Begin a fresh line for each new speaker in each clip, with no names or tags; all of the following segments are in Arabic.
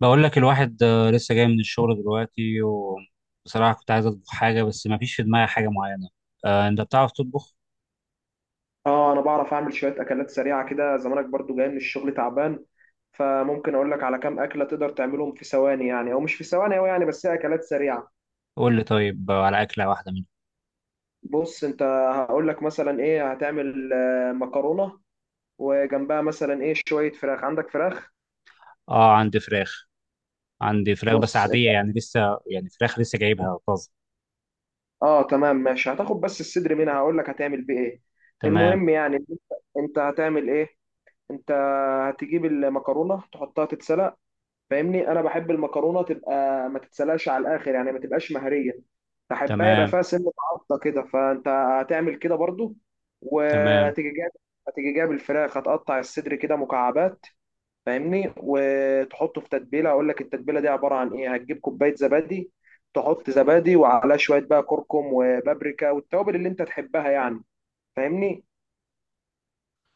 بقول لك الواحد لسه جاي من الشغل دلوقتي، وبصراحة كنت عايز أطبخ حاجة بس ما فيش في دماغي حاجة معينة. أنت بتعرف تطبخ؟
اه، انا بعرف اعمل شويه اكلات سريعه كده. زمانك برضو جاي من الشغل تعبان، فممكن اقول لك على كام اكله تقدر تعملهم في ثواني يعني، او مش في ثواني أوي يعني، بس هي اكلات سريعه.
قول لي طيب على أكلة واحدة منها.
بص انت، هقول لك مثلا ايه هتعمل. مكرونه، وجنبها مثلا ايه شويه فراخ. عندك فراخ؟
آه، عندي فراخ. عندي فراخ بس
بص انت.
عادية يعني لسه. يعني فراخ لسه جايبها طازة.
اه تمام ماشي، هتاخد بس الصدر منها، هقول لك هتعمل بيه ايه.
تمام.
المهم يعني انت، هتعمل ايه. انت هتجيب المكرونه تحطها تتسلق. فاهمني، انا بحب المكرونه تبقى ما تتسلقش على الاخر يعني، ما تبقاش مهريه. بحبها يبقى
تمام.
فيها سنه عضه كده، فانت هتعمل كده برضو.
تمام.
وهتيجي جايب هتيجي جايب الفراخ، هتقطع الصدر كده مكعبات. فاهمني، وتحطه في تتبيله. اقول لك التتبيله دي عباره عن ايه. هتجيب كوبايه زبادي، تحط زبادي وعلى شويه بقى كركم وبابريكا والتوابل اللي انت تحبها يعني. فاهمني.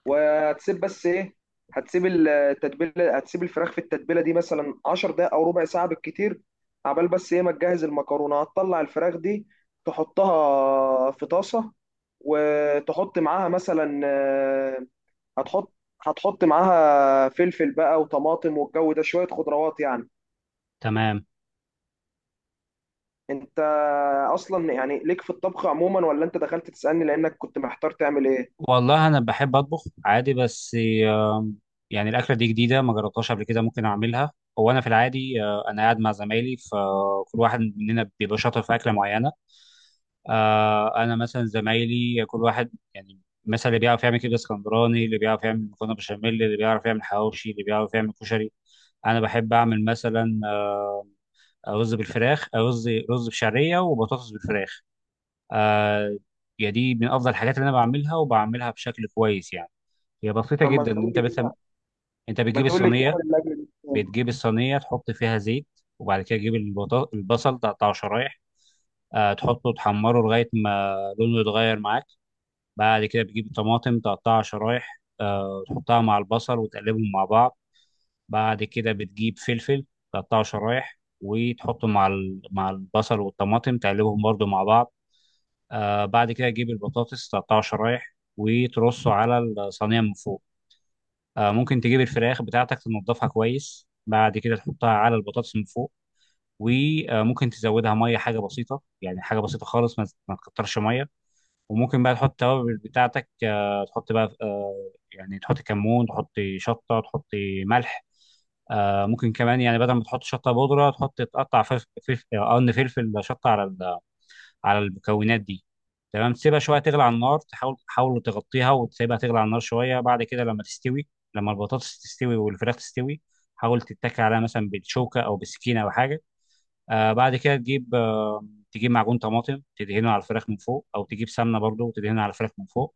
وهتسيب بس ايه هتسيب التتبيله، هتسيب الفراخ في التتبيله دي مثلا 10 دقائق او ربع ساعه بالكتير، عبال بس ايه ما تجهز المكرونه. هتطلع الفراخ دي تحطها في طاسه، وتحط معاها مثلا هتحط هتحط معاها فلفل بقى وطماطم والجو ده شويه خضروات يعني.
تمام.
انت اصلا يعني ليك في الطبخ عموما، ولا انت دخلت تسالني لانك كنت محتار تعمل ايه؟
والله أنا بحب أطبخ عادي، بس آه، يعني الأكلة دي جديدة، ما جربتهاش قبل كده، ممكن أعملها. هو أنا في العادي، أنا قاعد مع زمايلي فكل واحد مننا بيبقى شاطر في أكلة معينة. انا مثلا زمايلي كل واحد يعني، مثلا اللي بيعرف يعمل كبده اسكندراني، اللي بيعرف يعمل مكرونه بشاميل، اللي بيعرف يعمل حواوشي، اللي بيعرف يعمل كشري. انا بحب اعمل مثلا رز بالفراخ، رز بشعريه وبطاطس بالفراخ. آه يعني دي من افضل الحاجات اللي انا بعملها وبعملها بشكل كويس يعني. هي بسيطه
طب ما
جدا،
تقول
انت
لي
مثلا
كده،
انت
ما
بتجيب
تقول لي
الصينيه
بتعمل الاكل دي إزاي؟
بتجيب الصينيه تحط فيها زيت، وبعد كده تجيب البصل تقطعه شرايح. تحطه تحمره لغايه ما لونه يتغير معاك. بعد كده بتجيب طماطم تقطعها شرايح، تحطها مع البصل وتقلبهم مع بعض. بعد كده بتجيب فلفل تقطعه شرايح وتحطه مع البصل والطماطم، تقلبهم برضو مع بعض. بعد كده تجيب البطاطس تقطعه شرايح وترصه على الصينية من فوق. ممكن تجيب الفراخ بتاعتك تنضفها كويس، بعد كده تحطها على البطاطس من فوق. وممكن تزودها ميه، حاجه بسيطه يعني، حاجه بسيطه خالص، ما تكترش ميه. وممكن بقى تحط التوابل بتاعتك، تحط بقى يعني تحطي كمون، تحطي شطه، تحطي ملح. ممكن كمان يعني بدل ما تحط شطه بودره تحط تقطع فلفل، قرن فلفل شطه على المكونات دي. تمام، تسيبها شويه تغلي على النار، تحاول تغطيها وتسيبها تغلي على النار شويه، بعد كده لما تستوي، لما البطاطس تستوي والفراخ تستوي، حاول تتكي عليها مثلا بالشوكه او بالسكينه او حاجه. بعد كده تجيب معجون طماطم تدهنه على الفراخ من فوق، او تجيب سمنه برضو وتدهنها على الفراخ من فوق.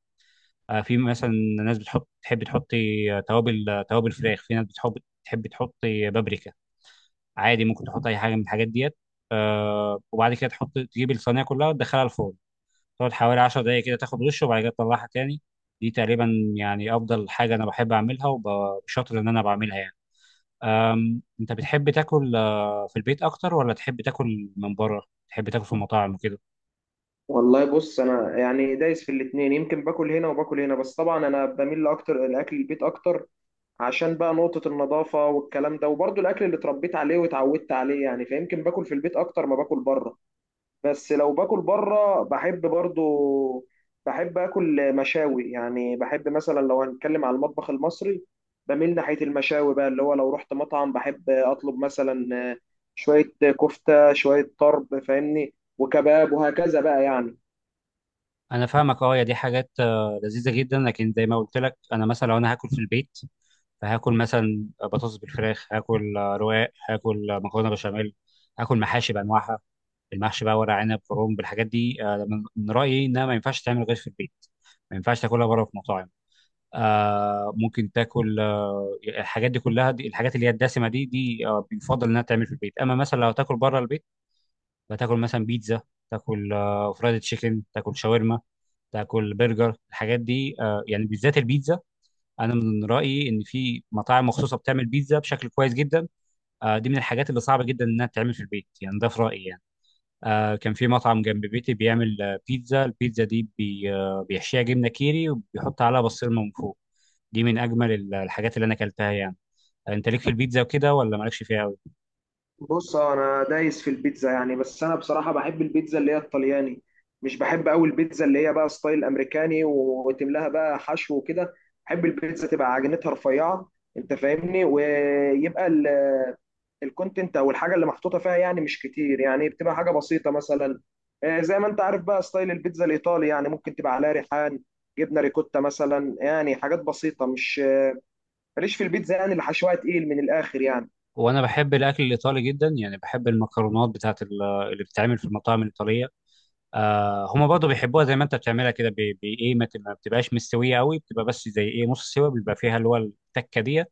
في مثلا ناس بتحط تحط توابل فراخ، في ناس بتحب تحب تحط بابريكا. عادي، ممكن تحط اي حاجه من الحاجات ديت. وبعد كده تجيب الصينيه كلها وتدخلها الفرن، تقعد حوالي 10 دقائق كده تاخد وش، وبعد كده تطلعها تاني. دي تقريبا يعني افضل حاجه انا بحب اعملها وبشاطر ان انا بعملها يعني. انت بتحب تاكل في البيت اكتر ولا تحب تاكل من بره؟ تحب تاكل في المطاعم وكده؟
والله بص، انا يعني دايس في الاتنين. يمكن باكل هنا وباكل هنا، بس طبعا انا بميل اكتر لاكل البيت اكتر، عشان بقى نقطة النظافة والكلام ده، وبرضه الاكل اللي اتربيت عليه واتعودت عليه يعني، فيمكن باكل في البيت اكتر ما باكل بره. بس لو باكل بره بحب برضه، بحب اكل مشاوي يعني. بحب مثلا لو هنتكلم على المطبخ المصري، بميل ناحية المشاوي بقى، اللي هو لو رحت مطعم بحب اطلب مثلا شوية كفتة، شوية طرب، فاهمني، وكباب، وهكذا بقى يعني.
انا فاهمك. اه، يا دي حاجات لذيذه جدا، لكن زي ما قلت لك انا مثلا لو انا هاكل في البيت، فهاكل مثلا بطاطس بالفراخ، هاكل رواق، هاكل مكرونه بشاميل، هاكل محاشي بانواعها. المحشي بقى ورق عنب كرنب الحاجات دي، من رايي انها ما ينفعش تعمل غير في البيت، ما ينفعش تاكلها بره في مطاعم. ممكن تاكل الحاجات دي كلها، دي الحاجات اللي هي الدسمه، دي بيفضل انها تعمل في البيت. اما مثلا لو تاكل بره البيت فتاكل مثلا بيتزا، تاكل فرايد تشيكن، تاكل شاورما، تاكل برجر، الحاجات دي يعني بالذات البيتزا. انا من رايي ان في مطاعم مخصوصه بتعمل بيتزا بشكل كويس جدا. دي من الحاجات اللي صعبه جدا انها تتعمل في البيت، يعني ده في رايي يعني. كان في مطعم جنب بيتي بيعمل بيتزا، دي بي آه، بيحشيها جبنه كيري وبيحط عليها بسطرمه من فوق. دي من اجمل الحاجات اللي انا اكلتها يعني. انت ليك في البيتزا وكده ولا مالكش فيها قوي؟
بص، انا دايس في البيتزا يعني. بس انا بصراحه بحب البيتزا اللي هي الطلياني، مش بحب قوي البيتزا اللي هي بقى ستايل امريكاني وتملاها بقى حشو وكده. بحب البيتزا تبقى عجينتها رفيعه، انت فاهمني، ويبقى الكونتنت او الحاجه اللي محطوطه فيها يعني مش كتير يعني. بتبقى حاجه بسيطه مثلا، زي ما انت عارف بقى ستايل البيتزا الايطالي يعني، ممكن تبقى عليها ريحان، جبنه ريكوتا مثلا يعني، حاجات بسيطه. مش ماليش في البيتزا يعني اللي حشوها تقيل من الاخر يعني.
وانا بحب الاكل الايطالي جدا، يعني بحب المكرونات بتاعت اللي بتتعمل في المطاعم الايطاليه. هما برضه بيحبوها زي ما انت بتعملها كده، ايه، ما بتبقاش مستويه قوي، بتبقى بس زي ايه نص سوا، بيبقى فيها اللي هو التكه دي.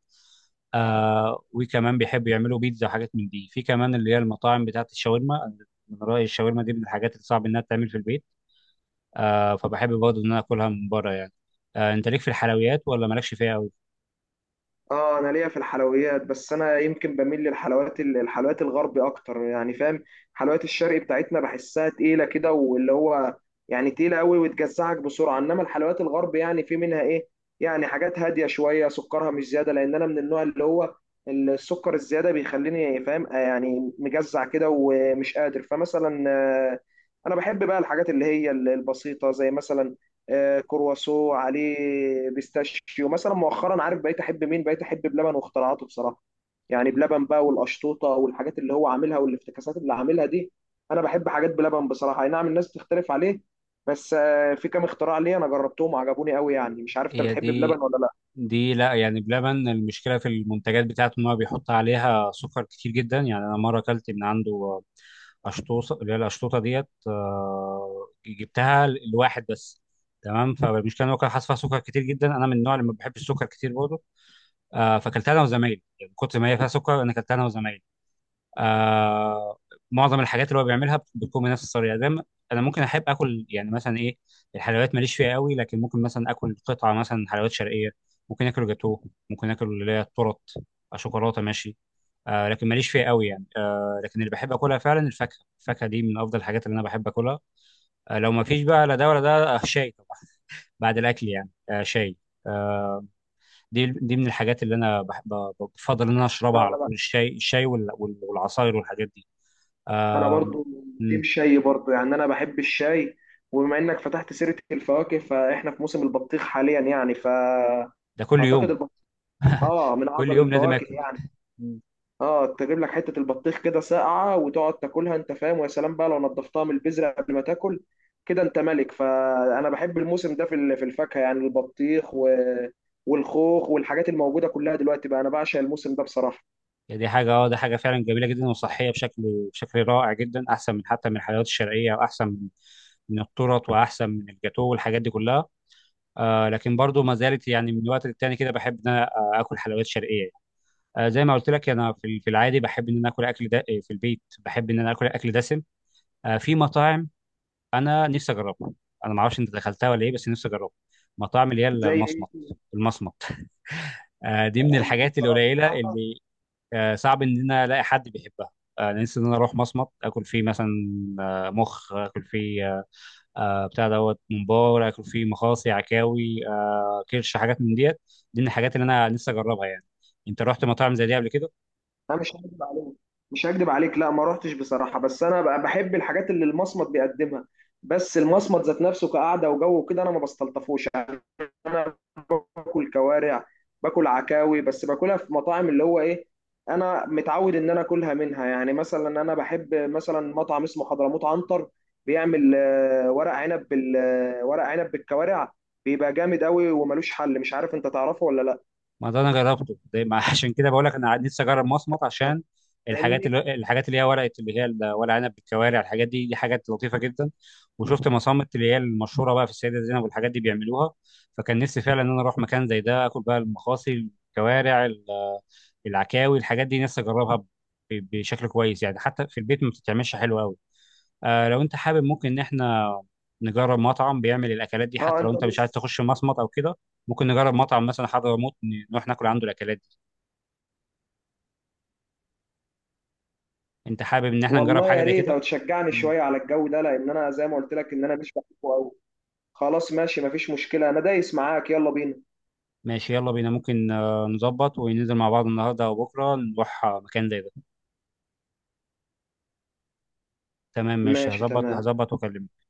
وكمان بيحبوا يعملوا بيتزا وحاجات من دي، في كمان اللي هي المطاعم بتاعت الشاورما. أنا من رايي الشاورما دي من الحاجات اللي صعب انها تتعمل في البيت، فبحب برضه ان انا اكلها من بره يعني. انت ليك في الحلويات ولا مالكش فيها قوي؟
اه انا ليا في الحلويات، بس انا يمكن بميل للحلويات، الحلويات الغربي اكتر يعني. فاهم، حلويات الشرق بتاعتنا بحسها تقيله كده، واللي هو يعني تقيله قوي وتجزعك بسرعه. انما الحلويات الغرب يعني، في منها ايه يعني، حاجات هاديه شويه سكرها مش زياده، لان انا من النوع اللي هو السكر الزياده بيخليني فاهم، يعني مجزع كده ومش قادر. فمثلا انا بحب بقى الحاجات اللي هي البسيطه، زي مثلا كرواسو عليه بيستاشيو مثلا. مؤخرا عارف بقيت احب مين؟ بقيت احب بلبن واختراعاته بصراحه يعني. بلبن بقى، والقشطوطه والحاجات اللي هو عاملها، والافتكاسات اللي عاملها دي. انا بحب حاجات بلبن بصراحه. اي نعم الناس بتختلف عليه، بس في كام اختراع ليه انا جربتهم وعجبوني قوي يعني. مش عارف انت
هي
بتحب بلبن
دي،
ولا لا.
لا، يعني بلبن المشكله في المنتجات بتاعته ان هو بيحط عليها سكر كتير جدا، يعني انا مره اكلت من عنده اشطوطه، اللي هي الاشطوطه ديت، جبتها لواحد بس. تمام، فالمشكله ان هو كان حاطط فيها سكر كتير جدا، انا من النوع اللي ما بحبش السكر كتير برضه. فاكلتها انا وزمايلي، يعني كنت ما هي فيها سكر، انا اكلتها انا وزمايلي. آه معظم الحاجات اللي هو بيعملها بتكون بنفس الطريقه زي ما- انا ممكن احب اكل يعني مثلا ايه. الحلويات ماليش فيها قوي، لكن ممكن مثلا اكل قطعه مثلا حلويات شرقيه، ممكن اكل جاتوه، ممكن اكل اللي هي التورت، شوكولاته ماشي. لكن ماليش فيها قوي يعني، لكن اللي بحب اكلها فعلا الفاكهه. الفاكهه دي من افضل الحاجات اللي انا بحب اكلها. لو ما فيش بقى لا ده ولا ده، شاي طبعا، بعد الاكل يعني. شاي. آه، دي من الحاجات اللي انا بحب بفضل ان انا اشربها على طول، الشاي، والعصاير والحاجات دي.
انا
آم،
برضو
مم،
تيم شاي برضو يعني، انا بحب الشاي. وبما انك فتحت سيره الفواكه فاحنا في موسم البطيخ حاليا يعني، ف
ده كل
اعتقد
يوم.
البطيخ اه من
كل
اعظم
يوم لازم
الفواكه
اكل.
يعني.
مم.
اه تجيب لك حته البطيخ كده ساقعه وتقعد تاكلها انت فاهم، ويا سلام بقى لو نضفتها من البذره قبل ما تاكل كده، انت ملك. فانا بحب الموسم ده في في الفاكهه يعني، البطيخ والخوخ والحاجات الموجوده كلها دلوقتي بقى. انا بعشق الموسم ده بصراحه.
يعني دي حاجه، ده حاجه فعلا جميله جدا، وصحيه بشكل رائع جدا، احسن من حتى من الحلويات الشرقيه، واحسن من من التورت، واحسن من الجاتو والحاجات دي كلها. لكن برضو ما زالت يعني من وقت للتاني كده بحب ان انا اكل حلويات شرقيه. زي ما قلت لك انا في العادي بحب ان انا اكل اكل دا في البيت، بحب ان انا اكل اكل دسم. في مطاعم انا نفسي اجربها، انا ما اعرفش انت دخلتها ولا ايه بس نفسي اجربها، مطاعم اللي هي
زي
المصمت.
ايه؟
المصمت، دي من الحاجات
بصراحه
القليله اللي صعب ان انا الاقي حد بيحبها. انا نفسي ان انا اروح مصمت اكل فيه، مثلا مخ، اكل فيه بتاع دوت ممبار، اكل فيه مخاصي عكاوي كرش، حاجات من ديت. دي من الحاجات اللي انا نفسي اجربها يعني. انت رحت مطاعم زي دي قبل كده؟
انا مش هكدب عليك، مش هكدب عليك، لا ما رحتش بصراحه. بس انا بقى بحب الحاجات اللي المصمت بيقدمها، بس المصمت ذات نفسه كقعده وجو وكده انا ما بستلطفوش. انا باكل كوارع، باكل عكاوي، بس باكلها في مطاعم اللي هو ايه. انا متعود ان انا اكلها منها يعني. مثلا انا بحب مثلا مطعم اسمه حضرموت عنتر، بيعمل ورق عنب بال آه، ورق عنب بالكوارع. بيبقى جامد قوي وملوش حل. مش عارف انت تعرفه ولا لا.
ما ده انا جربته، ده ما عشان كده بقول لك انا نفسي اجرب مصمت، عشان الحاجات
فاهمني،
اللي هي ورقه، اللي هي ورق عنب بالكوارع، الحاجات دي حاجات لطيفه جدا. وشفت مصامت اللي هي المشهوره بقى في السيده زينب والحاجات دي بيعملوها، فكان نفسي فعلا ان انا اروح مكان زي ده اكل بقى المخاصي، الكوارع، العكاوي، الحاجات دي نفسي اجربها بشكل كويس، يعني حتى في البيت ما بتتعملش حلو قوي. لو انت حابب ممكن ان احنا نجرب مطعم بيعمل الاكلات دي،
اه
حتى لو
انت
انت مش عايز
بس.
تخش مصمت او كده. ممكن نجرب مطعم مثلا حضرموت، نروح ناكل عنده الاكلات دي. انت حابب ان احنا نجرب
والله
حاجه
يا
زي
ريت،
كده؟
او تشجعني
مم.
شويه على الجو ده، لان انا زي ما قلت لك ان انا مش بحبه قوي. خلاص ماشي مفيش مشكله، انا دايس معاك، يلا بينا.
ماشي يلا بينا، ممكن نظبط وننزل مع بعض النهارده او بكره نروح مكان زي ده. تمام ماشي،
ماشي
هظبط
تمام.
هظبط واكلمك.